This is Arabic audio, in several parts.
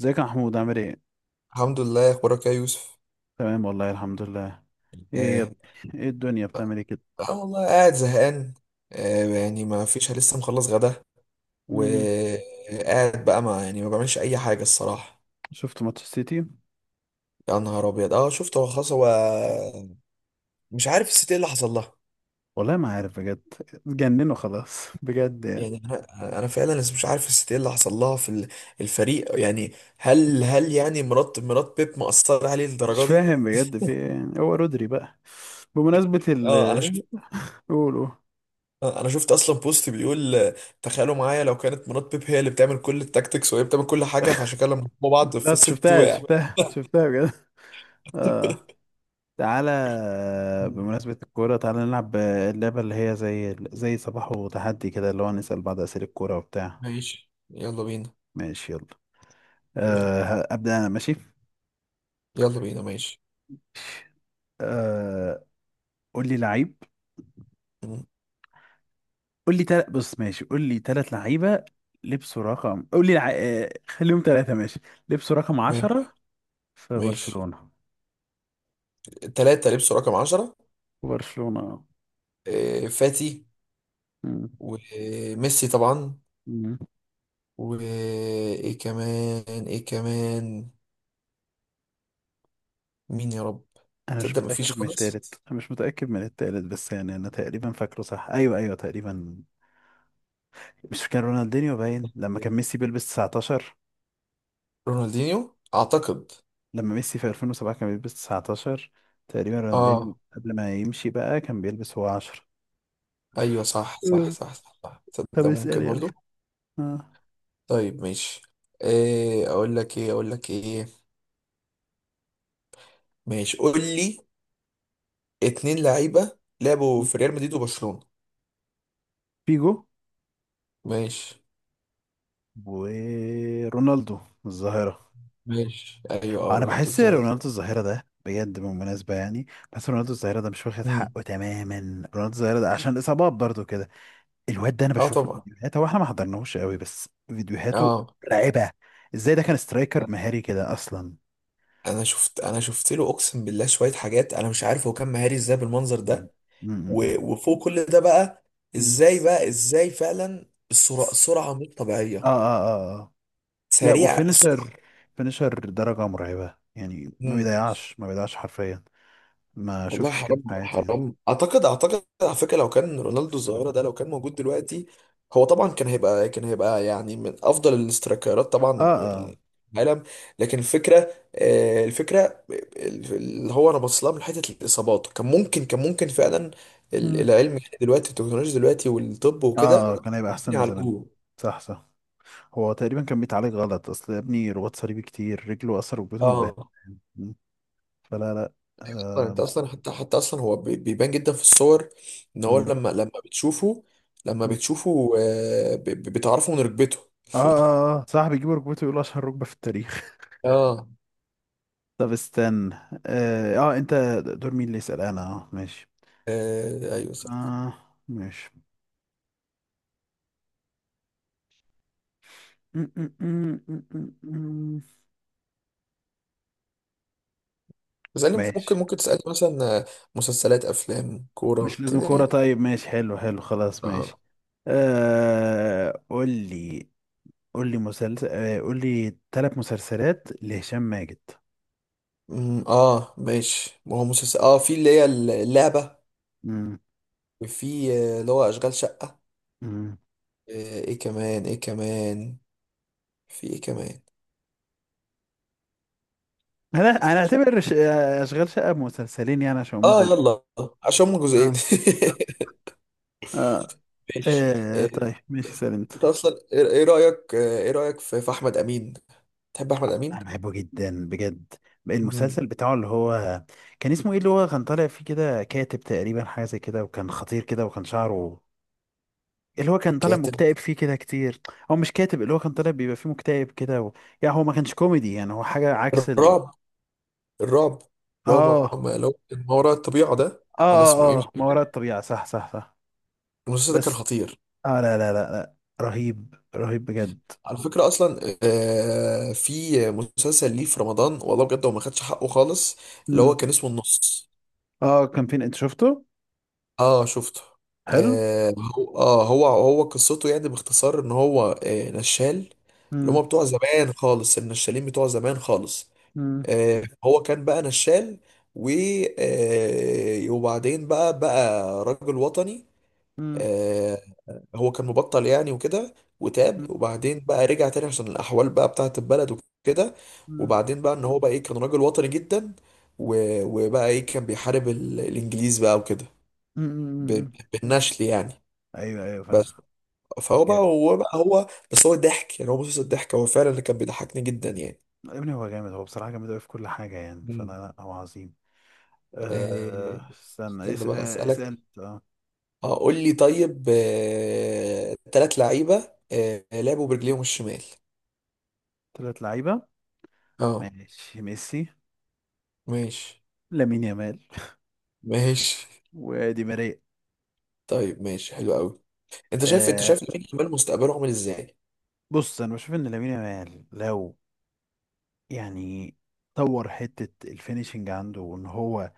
ازيك يا محمود؟ عامل ايه؟ الحمد لله، اخبارك إيه يا يوسف؟ تمام والله الحمد لله. ايه يا آه, ب... ايه الدنيا بتعمل ايه كده؟ اه والله قاعد زهقان. آه يعني ما فيش لسه مخلص غدا، مم. وقاعد بقى ما يعني ما بعملش اي حاجه الصراحه. شفت ماتش السيتي؟ يا نهار ابيض، اه شفت. هو خلاص هو مش عارف الست ايه اللي حصل لها. والله ما عارف بجد. اتجننوا خلاص بجد يعني. يعني انا فعلا لسه مش عارف الست ايه اللي حصل لها في الفريق يعني. هل يعني مرات بيب مأثره عليه مش للدرجه دي؟ فاهم بجد في ايه يعني، هو رودري بقى بمناسبة اه انا ال شفت. قولوا. انا شفت اصلا بوست بيقول تخيلوا معايا لو كانت مرات بيب هي اللي بتعمل كل التاكتكس، وهي بتعمل كل حاجه، فعشان كده لما هما بعض في لا الست شفتها وقع. شفتها شفتها بجد. اه، تعالى. مم. بمناسبة الكورة تعالى نلعب اللعبة اللي هي زي صباح وتحدي كده، اللي هو نسأل بعض أسئلة الكورة وبتاع. ماشي يلا بينا. ماشي يلا. يلا. أه أبدأ أنا، ماشي. يلا بينا ماشي. أه، قول لي لعيب. مم. قول لي بص، ماشي، قول لي ثلاث لعيبه لبسوا رقم، قول لي لع... آه، خليهم ثلاثه، ماشي. لبسوا رقم ماشي. 10 في ماشي، برشلونه. تلاتة لبسوا رقم عشرة. برشلونه، آه. فاتي، مم. وميسي طبعا، مم. وايه كمان ايه كمان؟ مين يا رب؟ انا مش تصدق مفيش متاكد من خالص. الثالث، انا مش متاكد من الثالث، بس يعني انا تقريبا فاكره، صح، ايوه ايوه تقريبا. مش كان رونالدينيو باين لما كان ميسي بيلبس 19؟ رونالدينيو اعتقد. لما ميسي في 2007 كان بيلبس 19. تقريبا رونالدينيو اه قبل ما يمشي بقى كان بيلبس هو 10. ايوه صح. طب تصدق اسال ممكن يلا. برضو. آه. طيب ماشي. ايه اقول لك، ايه اقول لك ايه؟ ماشي، قول لي. اتنين لعيبه لعبوا في ريال مدريد وبرشلونه. فيجو ماشي. ورونالدو الظاهرة. ماشي ايوه، آه، اه انا رونالدو بحس الظاهر. رونالدو الظاهرة ده بجد بالمناسبة يعني. بس رونالدو الظاهرة ده مش واخد امم. حقه تماما. رونالدو الظاهرة ده عشان الاصابات برضو كده. الواد ده انا اه بشوف له طبعا. فيديوهات، هو احنا ما حضرناهوش قوي بس فيديوهاته اه مرعبة. ازاي ده كان سترايكر مهاري كده اصلا. انا شفت له اقسم بالله شويه حاجات، انا مش عارف هو كان مهاري ازاي بالمنظر مم. ده. مم. وفوق كل ده بقى، مم. ازاي بقى، ازاي فعلا السرعه، سرعه مش اه طبيعيه. اه اه اه. لا، سريع، سرعه. وفينيشر. فينيشر درجة مرعبة يعني، ما بيضيعش ما بيضيعش حرفيا. ما والله شفتش كده حرام. في حياتي يعني. حرام. اعتقد على فكره، لو كان رونالدو الظاهره ده لو كان موجود دلوقتي، هو طبعا كان هيبقى يعني من افضل الاسترايكرات طبعا اه يعني في العالم. لكن الفكره، الفكره اللي هو انا بص لها من حته الاصابات، كان ممكن، كان ممكن فعلا اه العلم يعني دلوقتي، التكنولوجيا دلوقتي والطب اه، وكده كان هيبقى احسن من زمان. يعالجوه. صح، صح. هو تقريبا كان بيتعالج غلط، اصل يا ابني رباط صليبي كتير، رجله اثر ركبته مبهدله. اه فلا لا. طبعاً انت آه, اصلا حتى اصلا هو بيبان جدا في الصور ان هو م- لما بتشوفه، لما م- بتشوفه بتعرفه من ركبته. اه اه اه صح، بيجيبوا ركبته يقولوا اشهر ركبه في التاريخ. اه طب استنى. اه, آه انت. دور مين اللي يسال، انا؟ اه ماشي. ايوه صح. اه ماشي. م- م- م- م- م- م. تسألني ممكن ماشي. ممكن تسألني مثلا مسلسلات، افلام، مش كورة لازم كده كوره، يعني. طيب ماشي، حلو حلو خلاص ماشي. اه آه قول لي. قول لي مسلسل، آه، قول لي ثلاث مسلسلات لهشام ماجد. اه ماشي. ما هو مسلسل اه، في اللي هي اللعبة، امم. وفي اللي هو اشغال شقة. امم. ايه كمان، ايه كمان؟ في ايه كمان؟ انا انا اعتبر اشغال شقه مسلسلين يعني، عشان امك اه يلا، عشان هما جزئين اه اه. ماشي آه، طيب ماشي، سأل انت. انت اصلا ايه، إيه رايك ايه رايك في في احمد امين؟ تحب احمد امين؟ انا بحبه جدا بجد. مم. المسلسل بتاعه اللي هو كان اسمه ايه، اللي هو كان طالع فيه كده كاتب تقريبا، حاجه زي كده، وكان خطير كده، وكان شعره، اللي هو كان طالع كاتب. مكتئب فيه كده كتير. هو مش كاتب، اللي هو كان طالع بيبقى فيه مكتئب كده و... يعني هو ما كانش كوميدي، يعني هو حاجه عكس ال... الرعب. الرعب. اللي هو اه اللي هو ما وراء الطبيعه ده، اه، ولا اسمه ايه اه مش اه ما وراء فاكر. الطبيعة، صح صح صح. المسلسل ده كان بس خطير. اه لا لا لا لا، رهيب رهيب بجد. على فكره اصلا في مسلسل ليه في رمضان والله بجد هو ما خدش حقه خالص، اللي مم. هو كان اسمه النص. اه كان فين انت شفته؟ اه شفته. حلو. آه هو هو قصته يعني باختصار ان هو آه نشال، اللي مم. هم بتوع زمان خالص، النشالين بتوع زمان خالص. مم. هو كان بقى نشال، و وبعدين بقى راجل وطني. مم. آه، هو كان مبطل يعني وكده، وتاب، وبعدين بقى رجع تاني عشان الأحوال بقى بتاعة البلد وكده. مم. وبعدين بقى إن هو بقى إيه، كان راجل وطني جدا، وبقى إيه، كان بيحارب الإنجليز بقى وكده. مم. ب- مم. بالنشل يعني، ايوه ايوه فاهم. بس. فهو بقى جامد. هو بس هو ضحك، يعني هو مسلسل ضحك، هو فعلا اللي كان بيضحكني جدا يعني. يا ابني هو جامد، هو بصراحة جامد قوي في كل حاجة يعني، فانا مم. لا، هو عظيم. آه آه، استنى بقى اسأل أسألك. انت. اه. اه قول لي، طيب تلات لعيبة لعبوا برجليهم الشمال. ثلاث لعيبة. اه. ماشي، ميسي، ماشي. لامين يامال، ماشي ودي ماريا. طيب ماشي حلو قوي. انت شايف انت آه شايف لامين يامال مستقبله عامل ازاي؟ بص، انا بشوف ان لامين يامال لو يعني طور حتة الفينيشنج عنده، وان هو،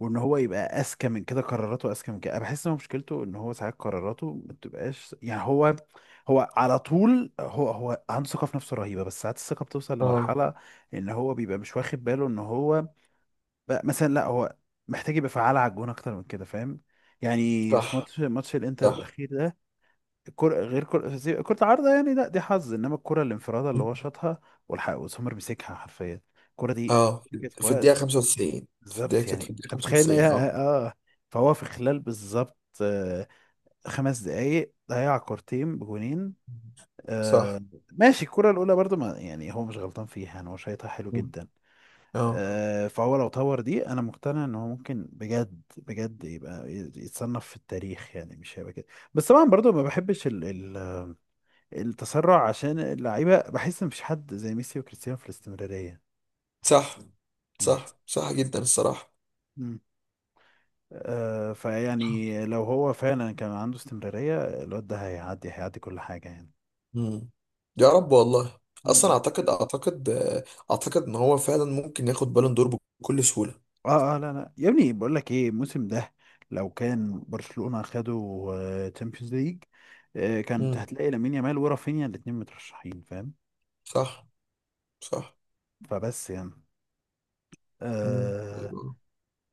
يبقى اذكى من كده، قراراته اذكى من كده. انا بحس ان هو مشكلته ان هو ساعات قراراته ما بتبقاش يعني، هو على طول، هو عنده ثقة في نفسه رهيبة، بس ساعات الثقة بتوصل اه لمرحلة ان هو بيبقى مش واخد باله ان هو بقى مثلا، لا هو محتاج يبقى فعال على الجون اكتر من كده فاهم يعني. في صح. ماتش الانتر صح الاخير ده، كرة غير كرة كرة عارضة يعني، لا دي حظ، انما الكرة الانفرادة اللي هو شاطها والحق وسومر مسكها حرفيا. الكرة دي اه كانت في في الدقيقة وقت 95. في الدقيقة، بالظبط يعني، كانت في الدقيقة انت متخيل ان هي 95 اه. اه. آه. فهو في خلال بالظبط آه 5 دقايق ضيع كورتين بجونين. آه صح ماشي. الكرة الأولى برضو ما يعني هو مش غلطان فيها يعني، هو شايطها حلو مم. جدا. اه آه، فهو لو طور دي أنا مقتنع إن هو ممكن بجد بجد يبقى يتصنف في التاريخ يعني، مش هيبقى كده. بس طبعا برضو ما بحبش التسرع عشان اللعيبه، بحس ان مفيش حد زي ميسي وكريستيانو في الاستمراريه. صح، مم. صح صح جدا الصراحة. مم. آه، فيعني لو هو فعلا كان عنده استمراريه، الواد ده هيعدي هيعدي كل حاجه يعني. مم. يا رب والله. اصلا مم. اعتقد اعتقد ان هو فعلا ممكن ياخد بالون دور بكل سهولة. اه اه، لا لا يا ابني، بقول لك ايه، الموسم ده لو كان برشلونه خدوا تشامبيونز ليج، كانت مم. هتلاقي لامين يامال ورافينيا الاتنين مترشحين فاهم. صح. صح. فبس يعني. مم. آه، ايوه.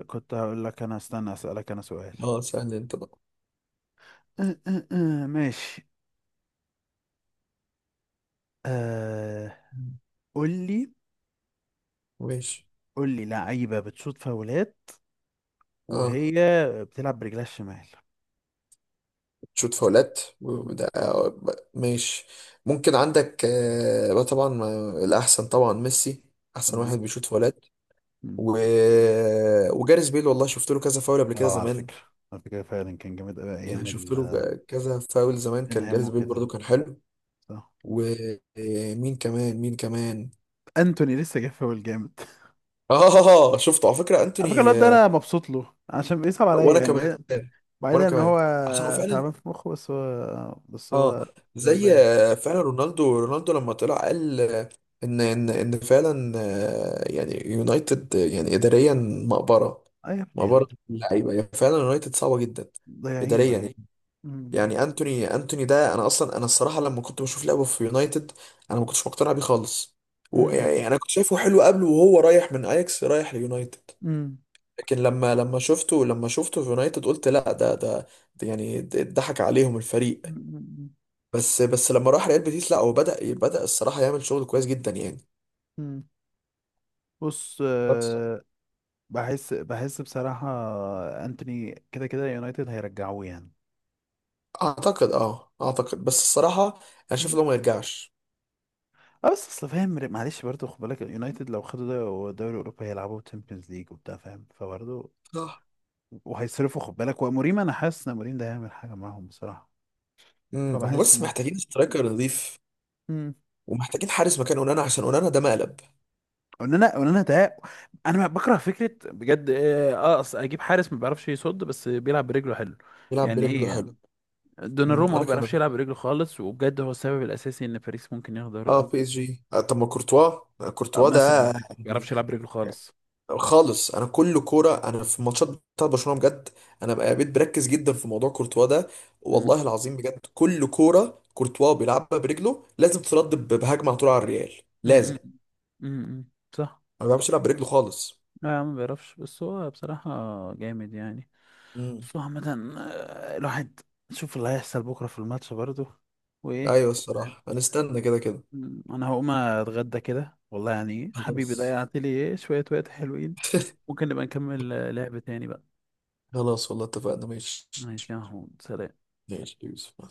كنت هقول لك انا، استنى اسالك انا سؤال. اه سهل انت بقى. آه آه آه ماشي. آه مم. قول لي. ماشي. قول لي لعيبه بتشوط فاولات اه وهي بتلعب برجلها الشمال. شوت فاولات، مم. وده ماشي. ممكن عندك آه بقى، طبعا الاحسن طبعا ميسي، احسن واحد تمام. بيشوت فاولات. مم. و... وجاريث بيل، والله شفت له كذا فاول قبل كده اه على زمان. فكره، على فكره فعلا كان جامد قوي ايام يعني شفت له كذا فاول زمان، كان توتنهام جاريث بيل برضو وكده. كان حلو. صح. ومين كمان، مين كمان؟ انتوني لسه جاب فاول جامد اه شفته، على فكرة على فكره انتوني الواد ده انا مبسوط له عشان بيصعب عليا وانا يعني، كمان. بعيدا وانا بعيدا ان كمان، هو عشان هو فعلا، تعبان في مخه، بس هو بس اه هو زي غلبان. فعلا رونالدو. رونالدو لما طلع قال ان ان فعلا يعني يونايتد يعني اداريا مقبره. اي يا ابني يعني. مقبره اللعيبه يعني، فعلا يونايتد صعبه جدا ضايعين اداريا يعني. ضايعين. مم. يعني انتوني ده، انا اصلا، انا الصراحه لما كنت بشوف لعبه في يونايتد، انا ما كنتش مقتنع بيه خالص. مم. ويعني انا كنت شايفه حلو قبله، وهو رايح من اياكس رايح ليونايتد. مم. لكن لما شفته، لما شفته في يونايتد قلت لا، ده يعني ضحك عليهم الفريق. مم. بس لما راح ريال بيتيس، لا هو بدأ الصراحة يعمل شغل كويس جدا يعني. مم. بص بس آه، بحس بحس بصراحة انتوني كده كده يونايتد هيرجعوه يعني. اعتقد، اه اعتقد بس الصراحة، انا شايف مم. لو ما يرجعش. اه بس اصل فاهم، معلش برضه خد بالك، اليونايتد لو خدوا دوري اوروبا هيلعبوا تشامبيونز ليج وبتاع فاهم، فبرضه صح. وهيصرفوا خد بالك، وموريم، انا حاسس ان موريم ده هيعمل حاجة معاهم بصراحة، امم. هم فبحس بس ممكن. محتاجين سترايكر نظيف، امم. ومحتاجين حارس مكان اونانا، عشان اونانا ده مقلب. وان انا ده، انا بكره فكرة بجد اه، آه، اصل اجيب حارس ما بيعرفش يصد بس بيلعب برجله حلو، يلعب يعني بالظبط ايه برجله يعني. حلو. دوناروما ما انا بيعرفش كمان. يلعب برجله خالص، وبجد هو السبب الاساسي ان باريس ممكن ياخد اه دوري. بي اس جي. آه طب ما كورتوا، آه آه، كورتوا مثلا ده ما يعني. بيعرفش يلعب برجله خالص. خالص. انا كل كوره، انا في الماتشات بتاعت برشلونه بجد، انا بقى بقيت بركز جدا في موضوع كورتوا ده. مم. والله العظيم بجد، كل كوره كورتوا بيلعبها برجله لازم ترد بهجمه على طول على الريال. لازم. مم. مم. صح. ما بيعرفش يلعب برجله خالص. لا يا عم ما بيعرفش، بس هو بصراحة جامد يعني. امم. بس هو عامة آه، الواحد شوف اللي هيحصل بكرة في الماتش برضه وإيه. ايوه الصراحه هنستنى كده كده. مم، أنا هقوم أتغدى كده والله يعني، حبيبي خلاص ضيعت لي إيه شوية وقت حلوين. ممكن نبقى نكمل آه، لعب تاني بقى. خلاص والله اتفقنا، ماشي. ماشي يا محمود، سلام. ماشي يا يوسف، مع